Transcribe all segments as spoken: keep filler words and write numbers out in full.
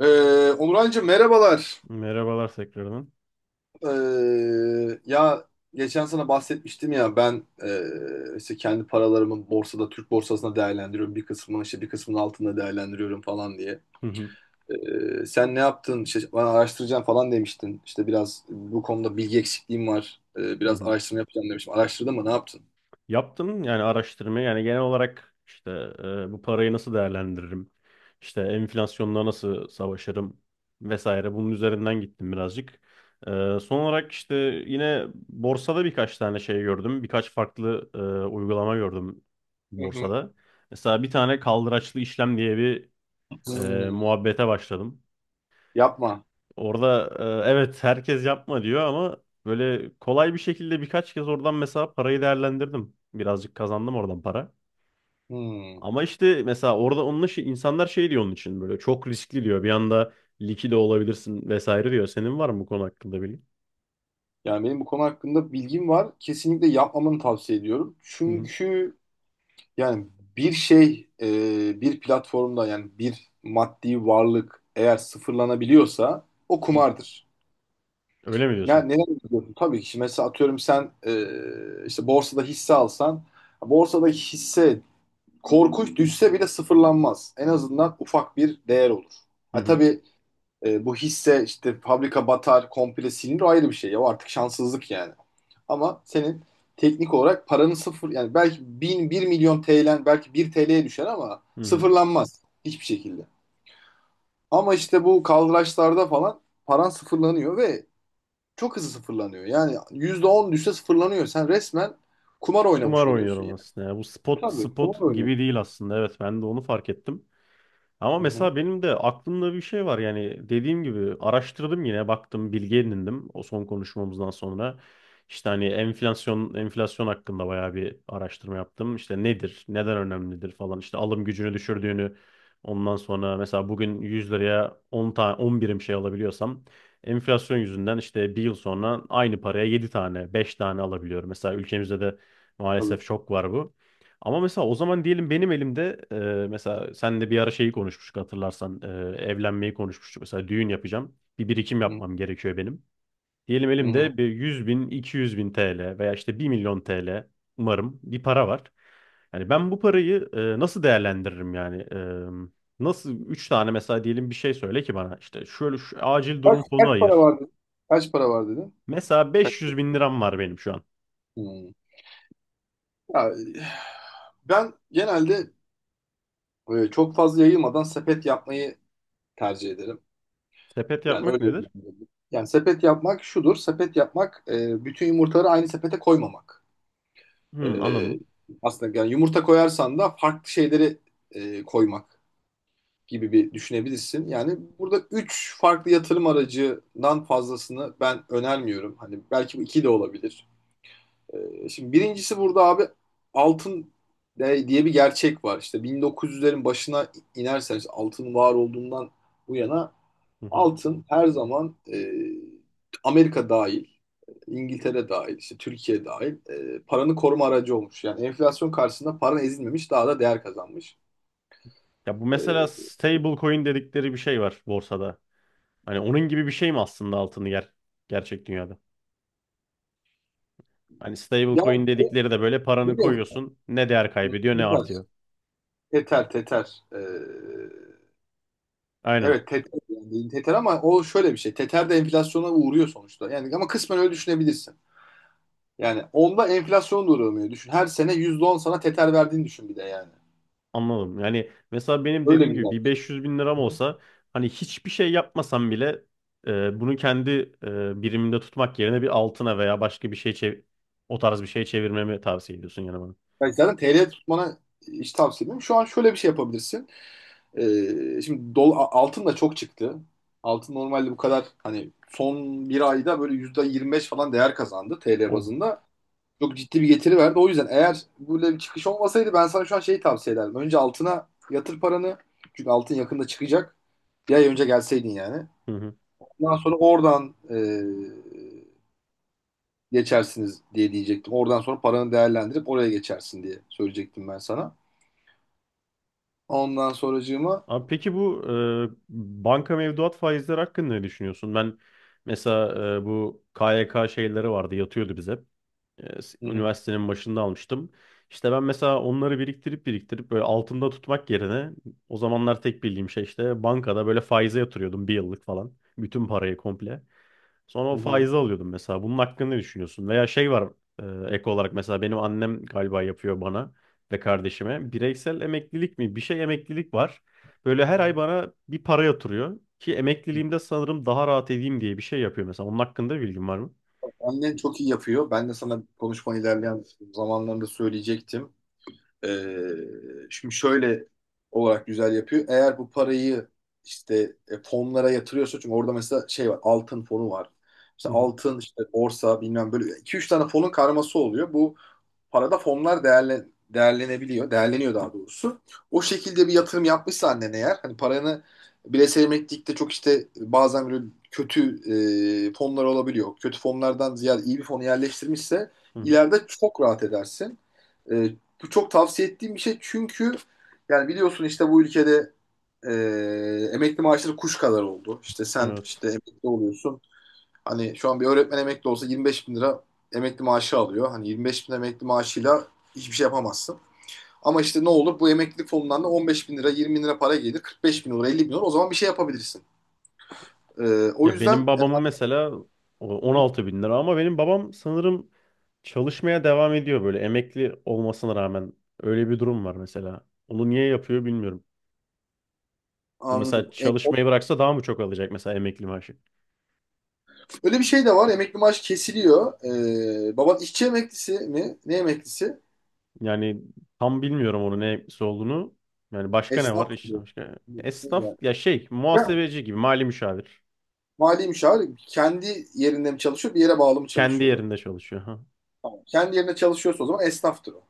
Ee, Onurhan'cığım merhabalar. Merhabalar tekrardan. Ee, ya geçen sana bahsetmiştim ya ben e, işte kendi paralarımı borsada Türk borsasında değerlendiriyorum. Bir kısmını işte bir kısmını altında değerlendiriyorum falan diye. Hı hı, Ee, sen ne yaptın? İşte bana araştıracağım falan demiştin. İşte biraz bu konuda bilgi eksikliğim var. Ee, hı biraz hı. araştırma yapacağım demiştim. Araştırdın mı? Ne yaptın? Yaptım, yani araştırmayı, yani genel olarak işte e, bu parayı nasıl değerlendiririm? İşte enflasyonla nasıl savaşırım vesaire, bunun üzerinden gittim birazcık. E, son olarak işte yine borsada birkaç tane şey gördüm. Birkaç farklı e, uygulama gördüm Hı hı. borsada. Mesela bir tane kaldıraçlı işlem diye bir e, Hmm, muhabbete başladım. yapma. Orada e, evet, herkes yapma diyor ama böyle kolay bir şekilde birkaç kez oradan mesela parayı değerlendirdim. Birazcık kazandım oradan para. Hmm. Ama işte mesela orada onunla şey, insanlar şey diyor, onun için böyle çok riskli diyor. Bir anda liki olabilirsin vesaire diyor. Senin var mı bu konu hakkında bilgi? Yani benim bu konu hakkında bilgim var. Kesinlikle yapmamanı tavsiye ediyorum. Hı hı. Çünkü yani bir şey, e, bir platformda yani bir maddi varlık eğer sıfırlanabiliyorsa o Hı. kumardır. Öyle mi Ne, diyorsun? neden diyorsun? Tabii ki şimdi mesela atıyorum sen, e, işte borsada hisse alsan borsadaki hisse korkunç düşse bile sıfırlanmaz. En azından ufak bir değer olur. Hı Ha, hı. tabii, e, bu hisse işte fabrika batar, komple silinir, o ayrı bir şey. Ya, o artık şanssızlık yani. Ama senin teknik olarak paranın sıfır, yani belki bin, bir milyon T L'den belki bir T L'ye düşer ama Hı hı. sıfırlanmaz hiçbir şekilde. Ama işte bu kaldıraçlarda falan paran sıfırlanıyor ve çok hızlı sıfırlanıyor. Yani yüzde on düşse sıfırlanıyor. Sen resmen kumar Kumar oynamış oluyorsun oynuyorum yani. aslında ya. Bu spot Tabii spot kumar gibi oynuyorsun. değil aslında. Evet, ben de onu fark ettim. Ama Hı hı, mesela benim de aklımda bir şey var, yani dediğim gibi araştırdım, yine baktım, bilgi edindim o son konuşmamızdan sonra. İşte hani enflasyon, enflasyon hakkında bayağı bir araştırma yaptım. İşte nedir, neden önemlidir falan, işte alım gücünü düşürdüğünü, ondan sonra mesela bugün yüz liraya on tane on birim şey alabiliyorsam enflasyon yüzünden işte bir yıl sonra aynı paraya yedi tane beş tane alabiliyorum. Mesela ülkemizde de tabii. maalesef çok var bu. Ama mesela o zaman diyelim benim elimde e, mesela senle bir ara şeyi konuşmuştuk, hatırlarsan e, evlenmeyi konuşmuştuk. Mesela düğün yapacağım. Bir birikim Hı yapmam gerekiyor benim. Diyelim hı. elimde bir yüz bin, iki yüz bin T L veya işte bir milyon T L, umarım bir para var. Yani ben bu parayı e, nasıl değerlendiririm yani? E, nasıl üç tane mesela diyelim, bir şey söyle ki bana, işte şöyle şu acil Kaç, durum fonu kaç para ayır. var dedin? Kaç para var dedin? Mesela Kaç? beş yüz bin liram var benim şu an. Hmm. Ya, ben genelde, e, çok fazla yayılmadan sepet yapmayı tercih ederim. Sepet Yani yapmak öyle nedir? yorumlayabilirim. Yani sepet yapmak şudur. Sepet yapmak, e, bütün yumurtaları aynı sepete koymamak. Hmm, E, anladım. aslında yani yumurta koyarsan da farklı şeyleri, e, koymak gibi bir düşünebilirsin. Yani burada üç farklı yatırım aracından fazlasını ben önermiyorum. Hani belki bu iki de olabilir. Ee, Şimdi birincisi burada abi altın de- diye bir gerçek var. İşte bin dokuz yüzlerin başına inerseniz altın var olduğundan bu yana altın her zaman, e, Amerika dahil, İngiltere dahil, işte Türkiye dahil, e, paranı koruma aracı olmuş. Yani enflasyon karşısında paran ezilmemiş, daha da değer kazanmış. Ya bu mesela E, stable coin dedikleri bir şey var borsada. Hani onun gibi bir şey mi aslında altın yer gerçek dünyada? Hani stable yani coin dedikleri de böyle paranı biliyor musun? koyuyorsun. Ne değer kaybediyor ne artıyor. Teter. Teter. E, Aynen. Evet teter yani dediğin teter ama o şöyle bir şey. Teter de enflasyona uğruyor sonuçta. Yani ama kısmen öyle düşünebilirsin. Yani onda enflasyon da uğramıyor. Düşün her sene yüzde on sana teter verdiğini düşün bir de yani. Anladım. Yani mesela benim Öyle dediğim gibi güzel bir bir beş yüz bin liram şey. olsa, hani hiçbir şey yapmasam bile e, bunu kendi e, birimimde tutmak yerine bir altına veya başka bir şey çev- o tarz bir şey çevirmemi tavsiye ediyorsun yani bana. Yani zaten T L tutmana hiç tavsiye etmiyorum. Şu an şöyle bir şey yapabilirsin. Ee, şimdi dol, a- altın da çok çıktı. Altın normalde bu kadar hani son bir ayda böyle yüzde yirmi beş falan değer kazandı T L Oh. bazında. Çok ciddi bir getiri verdi. O yüzden eğer böyle bir çıkış olmasaydı ben sana şu an şeyi tavsiye ederdim. Önce altına yatır paranı. Çünkü altın yakında çıkacak. Bir ay önce gelseydin yani. Ondan sonra oradan, e, geçersiniz diye diyecektim. Oradan sonra paranı değerlendirip oraya geçersin diye söyleyecektim ben sana. Ondan sonracığıma. Abi peki bu e, banka mevduat faizleri hakkında ne düşünüyorsun? Ben mesela e, bu K Y K şeyleri vardı, yatıyordu bize. E, s- Hı hı, üniversitenin başında almıştım. İşte ben mesela onları biriktirip biriktirip böyle altında tutmak yerine o zamanlar tek bildiğim şey işte bankada böyle faize yatırıyordum bir yıllık falan. Bütün parayı komple. Sonra hı o hı, faizi alıyordum mesela. Bunun hakkında ne düşünüyorsun? Veya şey var, e, ek olarak mesela benim annem galiba yapıyor bana ve kardeşime. Bireysel emeklilik mi? Bir şey emeklilik var. Böyle her ay hı bana bir para yatırıyor. Ki hı. emekliliğimde sanırım daha rahat edeyim diye bir şey yapıyor mesela. Onun hakkında bilgin var mı? Annen çok iyi yapıyor. Ben de sana konuşma ilerleyen zamanlarında söyleyecektim. Ee, şimdi şöyle olarak güzel yapıyor. Eğer bu parayı işte, e, fonlara yatırıyorsa çünkü orada mesela şey var, altın fonu var. İşte Hı hı, altın işte borsa bilmem böyle iki üç tane fonun karması oluyor. Bu parada fonlar değerlen değerlenebiliyor. Değerleniyor daha doğrusu. O şekilde bir yatırım yapmışsa annen eğer, hani paranı bireysel emeklilikte çok işte bazen böyle kötü, e, fonlar olabiliyor. Kötü fonlardan ziyade iyi bir fonu yerleştirmişse hı hı. ileride çok rahat edersin. E, bu çok tavsiye ettiğim bir şey çünkü yani biliyorsun işte bu ülkede, e, emekli maaşları kuş kadar oldu. İşte sen Evet. işte emekli oluyorsun. Hani şu an bir öğretmen emekli olsa yirmi beş bin lira emekli maaşı alıyor. Hani yirmi beş bin emekli maaşıyla hiçbir şey yapamazsın. Ama işte ne olur, bu emeklilik fonundan da on beş bin lira, yirmi bin lira para gelir. kırk beş bin olur, elli bin olur, o zaman bir şey yapabilirsin. Ee, o Ya yüzden, benim e, babamın mesela o on altı bin lira, ama benim babam sanırım çalışmaya devam ediyor, böyle emekli olmasına rağmen. Öyle bir durum var mesela. Onu niye yapıyor bilmiyorum. Bu anladım. mesela E, o- çalışmayı bıraksa daha mı çok alacak mesela emekli maaşı? Öyle bir şey de var, emekli maaş kesiliyor. Ee, baban işçi emeklisi mi? Ne emeklisi? Yani tam bilmiyorum onun ne olduğunu. Yani başka ne var Esnaf işte mı? başka? Esnaf Yani. ya şey, Ya, muhasebeci gibi, mali müşavir. mali müşavir kendi yerinde mi çalışıyor, bir yere bağlı mı Kendi çalışıyordu? yerinde çalışıyor. Ha. Tamam. Kendi yerine çalışıyorsa o zaman esnaftır o.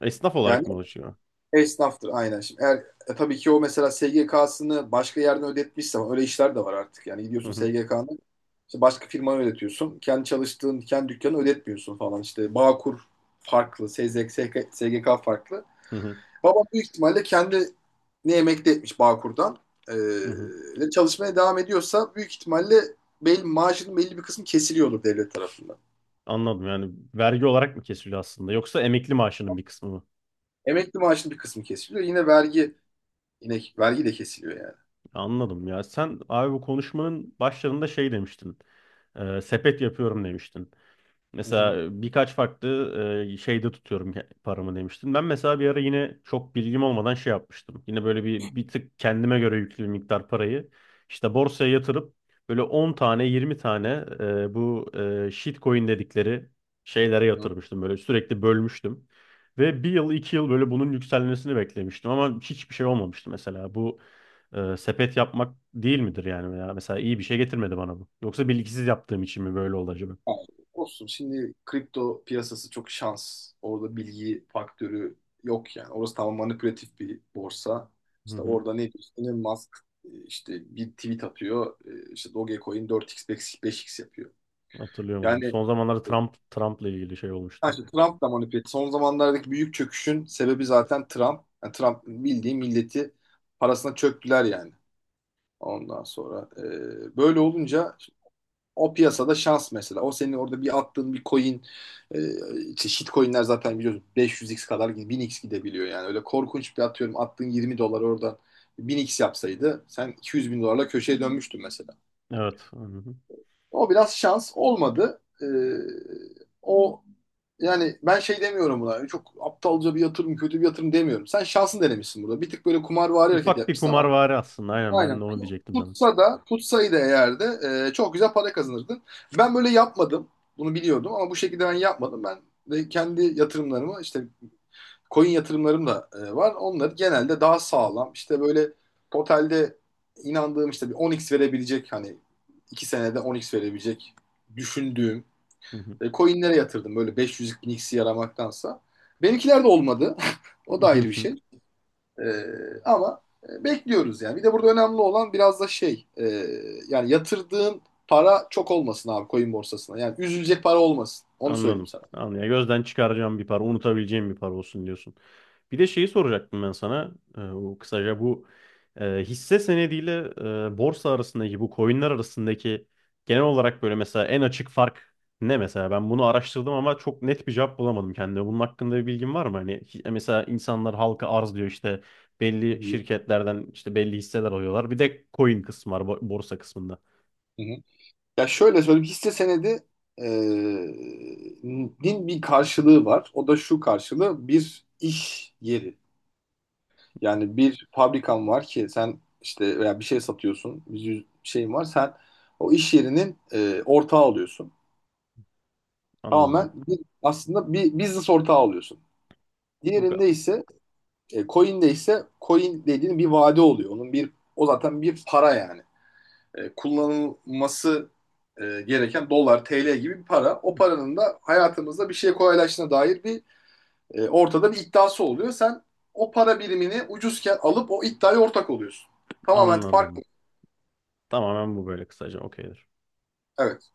Esnaf Yani olarak mı çalışıyor? esnaftır aynen. Şimdi eğer, e, tabii ki o mesela S G K'sını başka yerden ödetmişse öyle işler de var artık. Yani Hı gidiyorsun hı, S G K'nı işte başka firmaya ödetiyorsun. Kendi çalıştığın, kendi dükkanı ödetmiyorsun falan. İşte Bağkur farklı, S Z K, S G K farklı. hı hı, Babam büyük ihtimalle kendi ne emekli etmiş Bağkur'dan. Ee, hı hı. ve çalışmaya devam ediyorsa büyük ihtimalle belli, maaşının belli bir kısmı kesiliyordur devlet tarafından. Anladım, yani vergi olarak mı kesiliyor aslında yoksa emekli maaşının bir kısmı mı? Emekli maaşının bir kısmı kesiliyor. Yine vergi yine vergi de kesiliyor yani. Anladım. Ya sen abi bu konuşmanın başlarında şey demiştin. Ee, sepet yapıyorum demiştin. Hı hı. Mesela birkaç farklı e, şeyde tutuyorum ke- paramı demiştin. Ben mesela bir ara yine çok bilgim olmadan şey yapmıştım. Yine böyle bir bir tık kendime göre yüklü bir miktar parayı işte borsaya yatırıp böyle on tane yirmi tane e, bu e, shitcoin dedikleri şeylere yatırmıştım. Böyle sürekli bölmüştüm. Ve bir yıl iki yıl böyle bunun yükselmesini beklemiştim ama hiçbir şey olmamıştı mesela. Bu e, sepet yapmak değil midir yani? Veya mesela iyi bir şey getirmedi bana bu. Yoksa bilgisiz yaptığım için mi böyle oldu acaba? Yani olsun, şimdi kripto piyasası çok şans. Orada bilgi faktörü yok yani. Orası tamamen manipülatif bir borsa. İşte orada ne diyorsun? Elon Musk, e, işte bir tweet atıyor. E, İşte Dogecoin dört x beş x yapıyor. Hatırlıyor musun? Yani Son zamanlarda e, Trump Trump'la ilgili şey Ha, olmuştu. işte Trump da manipülatif. Son zamanlardaki büyük çöküşün sebebi zaten Trump. Yani Trump bildiği milleti parasına çöktüler yani. Ondan sonra, e, böyle olunca o piyasada şans mesela. O senin orada bir attığın bir coin, e, işte shitcoin'ler zaten biliyorsun beş yüz x kadar gid- bin x gidebiliyor yani. Öyle korkunç bir, atıyorum, attığın yirmi dolar oradan bin x yapsaydı sen iki yüz bin dolarla köşeye dönmüştün mesela. Evet. Hı hı. O biraz şans olmadı. E, o Yani ben şey demiyorum buna. Çok aptalca bir yatırım, kötü bir yatırım demiyorum. Sen şansın denemişsin burada. Bir tık böyle kumarvari hareket Ufak bir yapmışsın ama. kumarvari aslında. Aynen, ben Aynen. de onu diyecektim sana. Tutsa da tutsaydı eğer de, e, çok güzel para kazanırdın. Ben böyle yapmadım. Bunu biliyordum ama bu şekilde ben yapmadım. Ben de kendi yatırımlarımı işte, coin yatırımlarım da, e, var. Onları genelde daha sağlam işte böyle totalde inandığım, işte bir on x verebilecek, hani iki senede on x verebilecek düşündüğüm, Hı hı. e, coinlere yatırdım, böyle beş yüz bin x yaramaktansa. Benimkiler de olmadı. O da Hı ayrı bir hı. şey. Ee, ama, e, bekliyoruz yani. Bir de burada önemli olan biraz da şey, e, yani yatırdığın para çok olmasın abi coin borsasına. Yani üzülecek para olmasın. Onu söyleyeyim Anladım. sana. Anladım. Ya gözden çıkaracağım bir para, unutabileceğim bir para olsun diyorsun. Bir de şeyi soracaktım ben sana. Ee, o kısaca bu e, hisse senediyle e, borsa arasındaki, bu coinler arasındaki genel olarak böyle mesela en açık fark ne mesela? Ben bunu araştırdım ama çok net bir cevap bulamadım kendime. Bunun hakkında bir bilgin var mı? Hani hi- e, mesela insanlar halka arz diyor, işte Hı belli hı. şirketlerden işte belli hisseler alıyorlar. Bir de coin kısmı var bo- borsa kısmında. Hı hı. Ya, şöyle söyleyeyim, hisse senedi din bir karşılığı var. O da şu, karşılığı bir iş yeri. Yani bir fabrikan var ki sen işte veya bir şey satıyorsun, bir yüz- şeyin var. Sen o iş yerinin, e, ortağı oluyorsun. Anladım. Tamamen bir, aslında bir business ortağı oluyorsun. Bu kadar. Diğerinde ise e, Coin'de ise coin dediğin bir vade oluyor. Onun bir O zaten bir para yani. E, kullanılması, e, gereken dolar, T L gibi bir para. O paranın da hayatımızda bir şey kolaylaştığına dair bir, e, ortada bir iddiası oluyor. Sen o para birimini ucuzken alıp o iddiaya ortak oluyorsun. Tamamen farklı. Anladım. Tamamen bu, böyle kısaca okeydir. Evet.